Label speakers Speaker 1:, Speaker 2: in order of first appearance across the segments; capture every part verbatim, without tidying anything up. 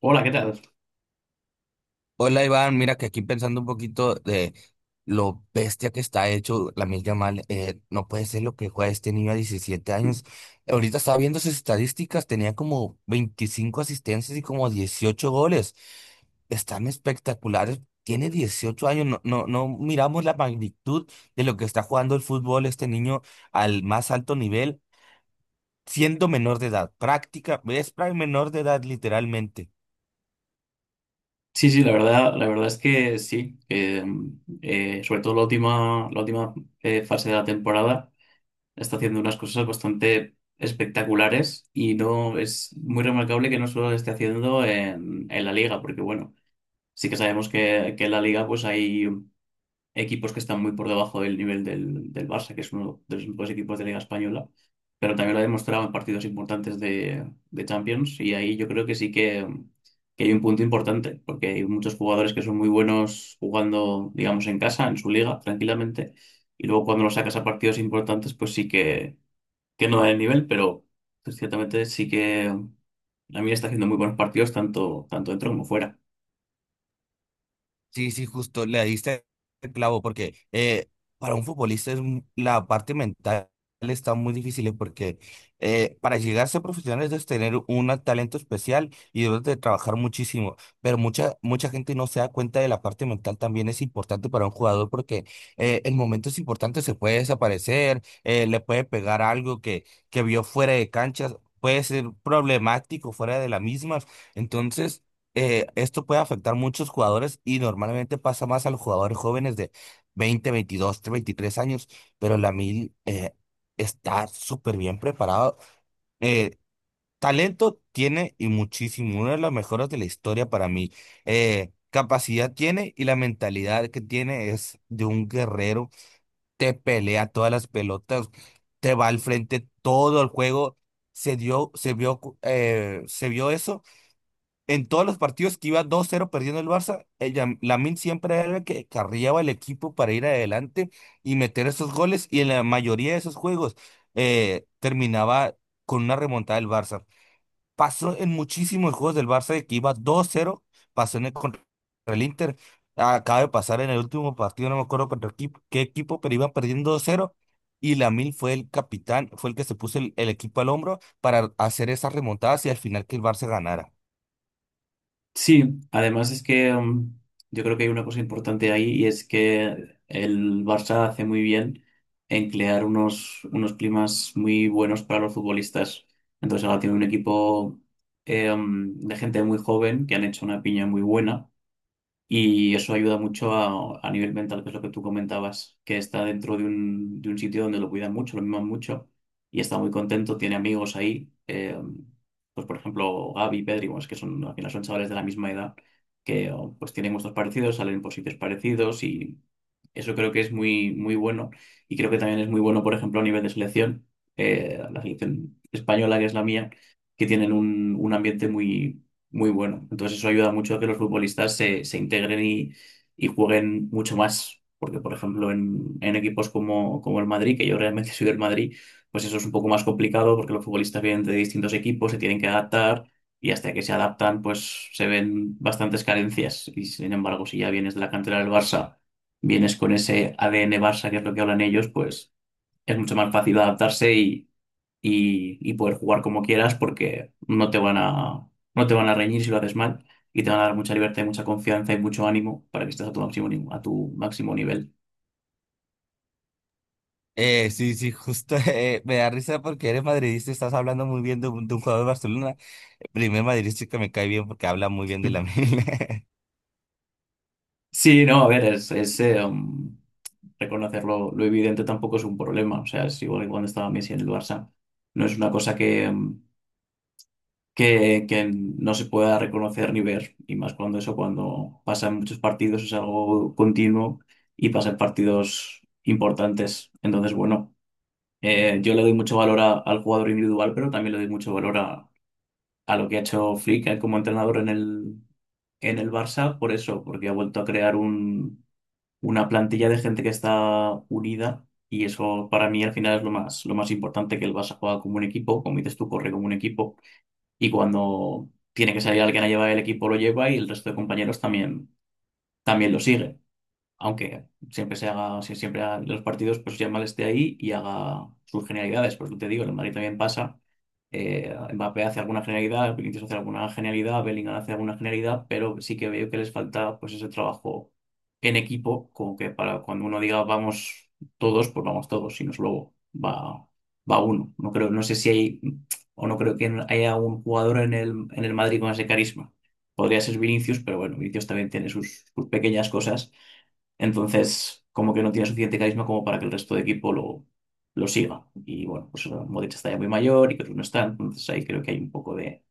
Speaker 1: Hola, ¿qué tal?
Speaker 2: Hola Iván, mira que aquí pensando un poquito de lo bestia que está hecho la Yamal, eh, no puede ser lo que juega este niño a diecisiete años. Ahorita estaba viendo sus estadísticas, tenía como veinticinco asistencias y como dieciocho goles. Están espectaculares. Tiene dieciocho años, no, no, no miramos la magnitud de lo que está jugando el fútbol este niño al más alto nivel, siendo menor de edad, práctica, es pra- menor de edad literalmente.
Speaker 1: Sí, sí, la verdad, la verdad es que sí. Eh, eh, sobre todo la última, la última eh, fase de la temporada está haciendo unas cosas bastante espectaculares y no es muy remarcable que no solo lo esté haciendo en, en la liga, porque bueno, sí que sabemos que, que en la liga pues hay equipos que están muy por debajo del nivel del, del Barça, que es uno de los mejores equipos de Liga Española, pero también lo ha demostrado en partidos importantes de, de Champions y ahí yo creo que sí que, que hay un punto importante, porque hay muchos jugadores que son muy buenos jugando, digamos, en casa, en su liga, tranquilamente, y luego cuando los sacas a partidos importantes, pues sí que, que no da el nivel, pero pues, ciertamente sí que la mí está haciendo muy buenos partidos tanto, tanto dentro como fuera.
Speaker 2: Sí, sí, justo le diste el clavo, porque eh, para un futbolista es, mu- la parte mental está muy difícil, eh, porque eh, para llegar a ser profesional es tener un talento especial y debes de trabajar muchísimo, pero mucha, mucha gente no se da cuenta de la parte mental también es importante para un jugador, porque eh, en momentos importantes se puede desaparecer, eh, le puede pegar algo que, que vio fuera de canchas, puede ser problemático fuera de la misma, entonces eh, esto puede afectar a muchos jugadores y normalmente pasa más a los jugadores jóvenes de veinte, veintidós, veintitrés años, pero Lamil eh, está súper bien preparado. Eh, talento tiene y muchísimo, una de las mejores de la historia para mí. Eh, capacidad tiene y la mentalidad que tiene es de un guerrero. Te pelea todas las pelotas, te va al frente todo el juego. Se dio, se vio, eh, se vio eso en todos los partidos que iba dos cero perdiendo el Barça, el Yam- Lamine siempre era el que carriaba el equipo para ir adelante y meter esos goles. Y en la mayoría de esos juegos eh, terminaba con una remontada del Barça. Pasó en muchísimos juegos del Barça de que iba dos cero, pasó en el contra el Inter. Acaba de pasar en el último partido, no me acuerdo contra equipo- qué equipo, pero iban perdiendo dos cero. Y Lamine fue el capitán, fue el que se puso el, el equipo al hombro para hacer esas remontadas y al final que el Barça ganara.
Speaker 1: Sí, además es que mm, yo creo que hay una cosa importante ahí y es que el Barça hace muy bien en crear unos, unos climas muy buenos para los futbolistas. Entonces ahora tiene un equipo eh, mm, de gente muy joven que han hecho una piña muy buena. Y eso ayuda mucho a, a nivel mental, que es lo que tú comentabas, que está dentro de un, de un sitio donde lo cuidan mucho, lo miman mucho, y está muy contento, tiene amigos ahí, eh, pues por ejemplo Gaby, Pedri, bueno, es que son, al final son chavales de la misma edad, que oh, pues tienen gustos parecidos, salen por sitios parecidos, y eso creo que es muy, muy bueno, y creo que también es muy bueno, por ejemplo, a nivel de selección, eh, la selección española, que es la mía, que tienen un, un ambiente muy muy bueno. Entonces eso ayuda mucho a que los futbolistas se, se integren y, y jueguen mucho más. Porque, por ejemplo, en, en equipos como, como el Madrid, que yo realmente soy del Madrid, pues eso es un poco más complicado porque los futbolistas vienen de distintos equipos, se tienen que adaptar y hasta que se adaptan, pues se ven bastantes carencias. Y sin embargo, si ya vienes de la cantera del Barça, vienes con ese A D N Barça, que es lo que hablan ellos, pues es mucho más fácil adaptarse y, y poder jugar como quieras porque no te van a, no te van a reñir si lo haces mal y te van a dar mucha libertad, y mucha confianza y mucho ánimo para que estés a tu máximo, ni- a tu máximo nivel.
Speaker 2: Eh, sí, sí, justo eh, me da risa porque eres madridista y estás hablando muy bien de un, de un jugador de Barcelona. El primer madridista que me cae bien porque habla muy bien de la Lamine.
Speaker 1: Sí, no, a ver, es, es, eh, um, reconocerlo, lo evidente tampoco es un problema, o sea, es igual que cuando estaba Messi en el Barça, no es una cosa que, um, que, que no se pueda reconocer ni ver, y más cuando eso, cuando pasa en muchos partidos, es algo continuo y pasa en partidos importantes, entonces, bueno. Eh, yo le doy mucho valor a- al jugador individual, pero también le doy mucho valor a, a lo que ha hecho Flick eh, como entrenador en el, en el Barça, por eso, porque ha vuelto a crear un, una plantilla de gente que está unida y eso para mí al final es lo más, lo más importante, que el Barça juega como un equipo, como dices tú, corre como un equipo y cuando tiene que salir alguien a llevar el equipo lo lleva y el resto de compañeros también, también lo sigue aunque siempre se haga, si- siempre haga los partidos, pues Yamal esté ahí y haga sus genialidades, porque te digo, el Madrid también pasa, eh, Mbappé hace alguna genialidad, Vinicius hace alguna genialidad, Bellingham hace alguna genialidad, pero sí que veo que les falta pues ese trabajo en equipo, como que para cuando uno diga vamos todos, pues vamos todos, si no solo va, va uno. No creo, no sé si hay, o no creo que haya un jugador en el, en el Madrid con ese carisma. Podría ser Vinicius, pero bueno, Vinicius también tiene sus sus pequeñas cosas entonces, como que no tiene suficiente carisma como para que el resto de equipo lo, lo siga. Y bueno, pues eh, Modric está ya muy mayor y otros no está. Entonces ahí creo que hay un poco de,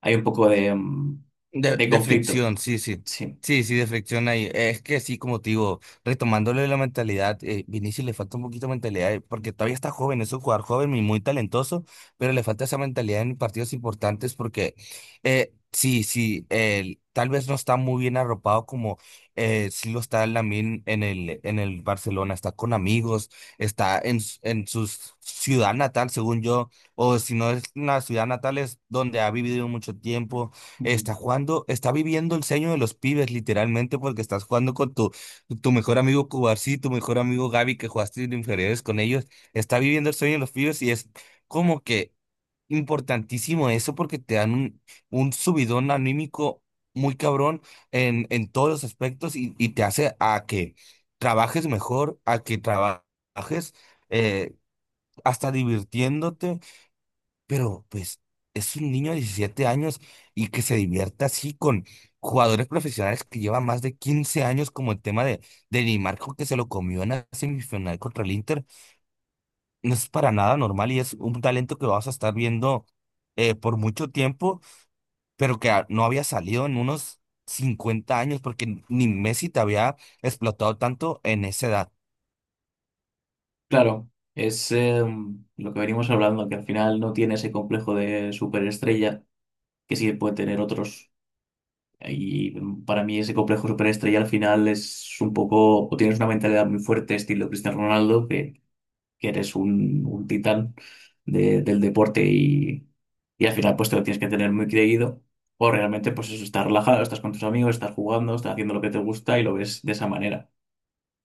Speaker 1: hay un poco de mm,
Speaker 2: De,
Speaker 1: de
Speaker 2: de
Speaker 1: conflicto.
Speaker 2: fricción, sí, sí.
Speaker 1: Sí.
Speaker 2: Sí, sí, de fricción ahí. Es que sí, como te digo, retomándole la mentalidad, eh, Vinicius le falta un poquito de mentalidad, eh, porque todavía está joven, es un jugador joven y muy talentoso, pero le falta esa mentalidad en partidos importantes porque eh, sí, sí, él tal vez no está muy bien arropado como eh, sí lo está Lamine en el, en el Barcelona, está con amigos, está en, s- en su ciudad natal, según yo, o si no es una ciudad natal, es donde ha vivido mucho tiempo.
Speaker 1: Ujú.
Speaker 2: Está jugando, está viviendo el sueño de los pibes, literalmente, porque estás jugando con tu, tu mejor amigo Cubarsí, tu mejor amigo Gaby, que jugaste en inferiores con ellos. Está viviendo el sueño de los pibes y es como que importantísimo eso porque te dan un, un subidón anímico muy cabrón en, en todos los aspectos y, y te hace a que trabajes mejor, a que trabajes eh, hasta divirtiéndote pero pues es un niño de diecisiete años y que se divierta así con jugadores profesionales que llevan más de quince años, como el tema de, de Di Marco que se lo comió en la semifinal contra el Inter, no es para nada normal y es un talento que vas a estar viendo eh, por mucho tiempo, pero que a- no había salido en unos cincuenta años porque ni Messi te había explotado tanto en esa edad.
Speaker 1: Claro, es eh, mm, lo que venimos hablando, que al final no tiene ese complejo de superestrella que sí puede tener otros. Y mm, para mí ese complejo superestrella al final es un poco, o tienes una mentalidad muy fuerte, estilo Cristiano Ronaldo, que eres un, un titán de- del deporte y, y al final pues te lo tienes que tener muy creído. O realmente pues eso, estás relajado, estás con tus amigos, estás jugando, estás haciendo lo que te gusta y lo ves de esa manera.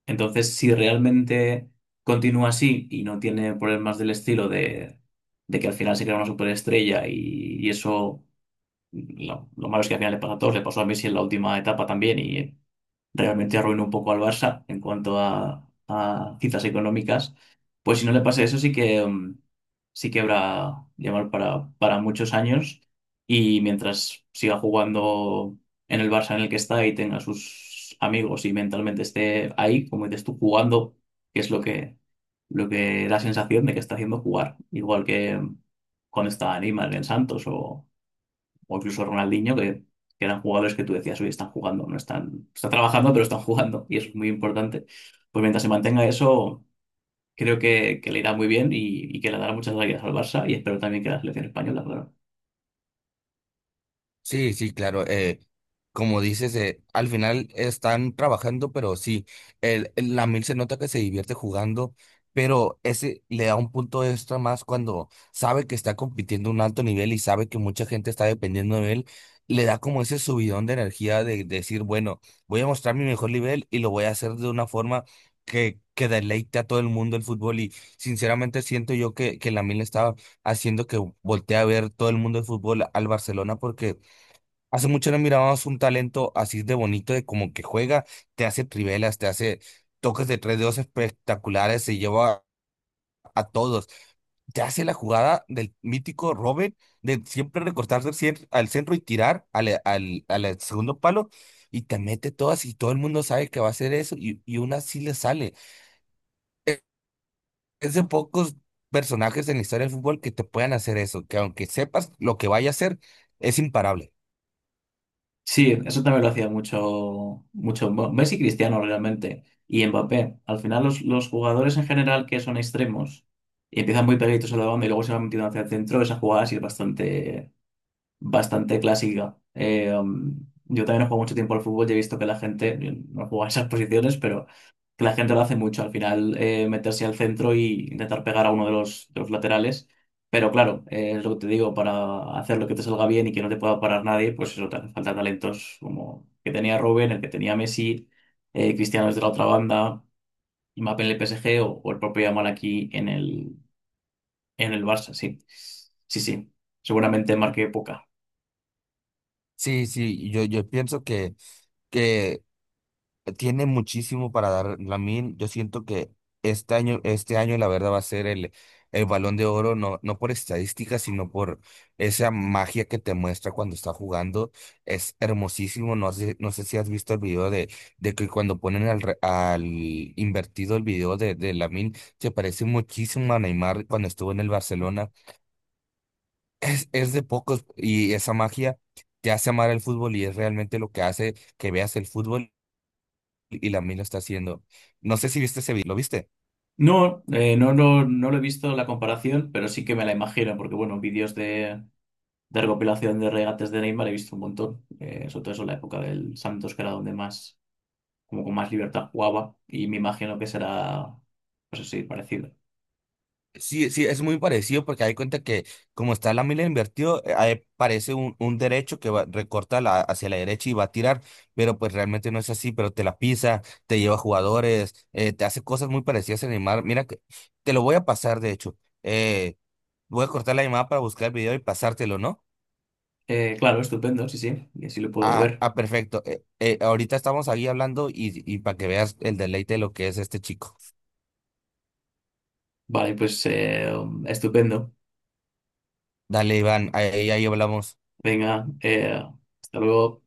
Speaker 1: Entonces, si realmente continúa así y no tiene problemas del estilo de, de que al final se crea una superestrella y, y eso, lo, lo malo es que al final le pasa a todos, le pasó a Messi en la última etapa también y realmente arruinó un poco al Barça en cuanto a, a cifras económicas, pues si no le pasa eso sí que mm, sí que habrá llamar para, para muchos años y mientras siga jugando en el Barça en el que está y tenga sus amigos y mentalmente esté ahí, como dices tú, jugando, que es lo que, lo que da sensación de que está haciendo jugar, igual que mm, cuando estaba Neymar en Santos o o incluso Ronaldinho, que, que eran jugadores que tú decías, hoy están jugando, no están, están trabajando, pero están jugando, y eso es muy importante. Pues mientras se mantenga eso, creo que, que le irá muy bien y, y que le dará muchas alegrías al Barça, y espero también que la selección española, claro.
Speaker 2: Sí, sí, claro. eh, como dices, eh, al final están trabajando, pero sí, el, el- la se nota que se divierte jugando, pero ese le da un punto extra más cuando sabe que está compitiendo a un alto nivel y sabe que mucha gente está dependiendo de él. Le da como ese subidón de energía de, decir, bueno, voy a mostrar mi mejor nivel y lo voy a hacer de una forma que, que deleite a todo el mundo el fútbol. Y sinceramente siento yo que, que mil estaba haciendo que voltee a ver todo el mundo el fútbol al Barcelona porque hace mucho no mirábamos un talento así de bonito, de como que juega, te hace trivelas, te hace toques de tres dedos espectaculares, se lleva a todos, te hace la jugada del mítico Robert, de siempre recortarse al cien- al centro y tirar al, eh, al, al segundo palo, y te mete todas y todo el mundo sabe que va a hacer eso, y, y una sí le sale. E- Es, de pocos personajes en la historia del fútbol que te puedan hacer eso, que aunque sepas lo que vaya a hacer, es imparable.
Speaker 1: Sí, eso también lo hacía mucho, mucho Mo- Messi y Cristiano realmente, y Mbappé. Al final, los, los jugadores en general que son extremos y empiezan muy pegaditos a la banda y luego se van metiendo hacia el centro, esa jugada sí es bastante bastante clásica. Eh, um, yo también no juego mucho tiempo al fútbol y he visto que la gente, yo no juego a esas posiciones, pero que la gente lo hace mucho. Al final, eh, meterse al centro y intentar pegar a uno de los, de los laterales. Pero claro, eh, es lo que te digo, para hacer lo que te salga bien y que no te pueda parar nadie, pues eso te hace falta talentos como el que tenía Robben, el que tenía Messi, eh, Cristiano desde la otra banda, Mbappé en el P S G o, o el propio Yamal aquí en el, en el Barça, sí. Sí, sí. Seguramente marqué poca.
Speaker 2: Sí, sí, yo, yo pienso que... Tiene muchísimo para dar Lamine. Yo siento que este año, este año la verdad va a ser el, el Balón de Oro, no, no por estadística, sino por esa magia que te muestra cuando está jugando. Es hermosísimo. No sé, no sé si has visto el video de, de que cuando ponen al, re- al invertido el video de, de Lamine, se parece muchísimo a Neymar cuando estuvo en el Barcelona. Es, es de pocos y esa magia. Te hace amar el fútbol y es realmente lo que hace que veas el fútbol y la mil lo está haciendo. No sé si viste ese video, ¿lo viste?
Speaker 1: No, eh, no, no, no lo he visto la comparación, pero sí que me la imagino, porque bueno, vídeos de, de recopilación de regates de Neymar he visto un montón, eh, sobre todo eso en la época del Santos, que era donde más, como con más libertad jugaba, y me imagino que será, pues así, parecido.
Speaker 2: Sí, sí, es muy parecido porque hay cuenta que como está la mila invertido, eh, ahí parece un, un derecho que va, recorta la- hacia la derecha y va a tirar, pero pues realmente no es así, pero te la pisa, te lleva jugadores, eh, te hace cosas muy parecidas a Neymar. Mira que te lo voy a pasar, de hecho. Eh, voy a cortar la llamada para buscar el video y pasártelo, ¿no?
Speaker 1: Eh, claro, estupendo, sí, sí, y así lo puedo
Speaker 2: Ah,
Speaker 1: ver.
Speaker 2: ah, perfecto. Eh, eh, ahorita estamos ahí hablando y, y para que veas el deleite de lo que es este chico.
Speaker 1: Vale, pues eh, estupendo.
Speaker 2: Dale, Iván, ahí ahí hablamos.
Speaker 1: Venga, eh, hasta luego.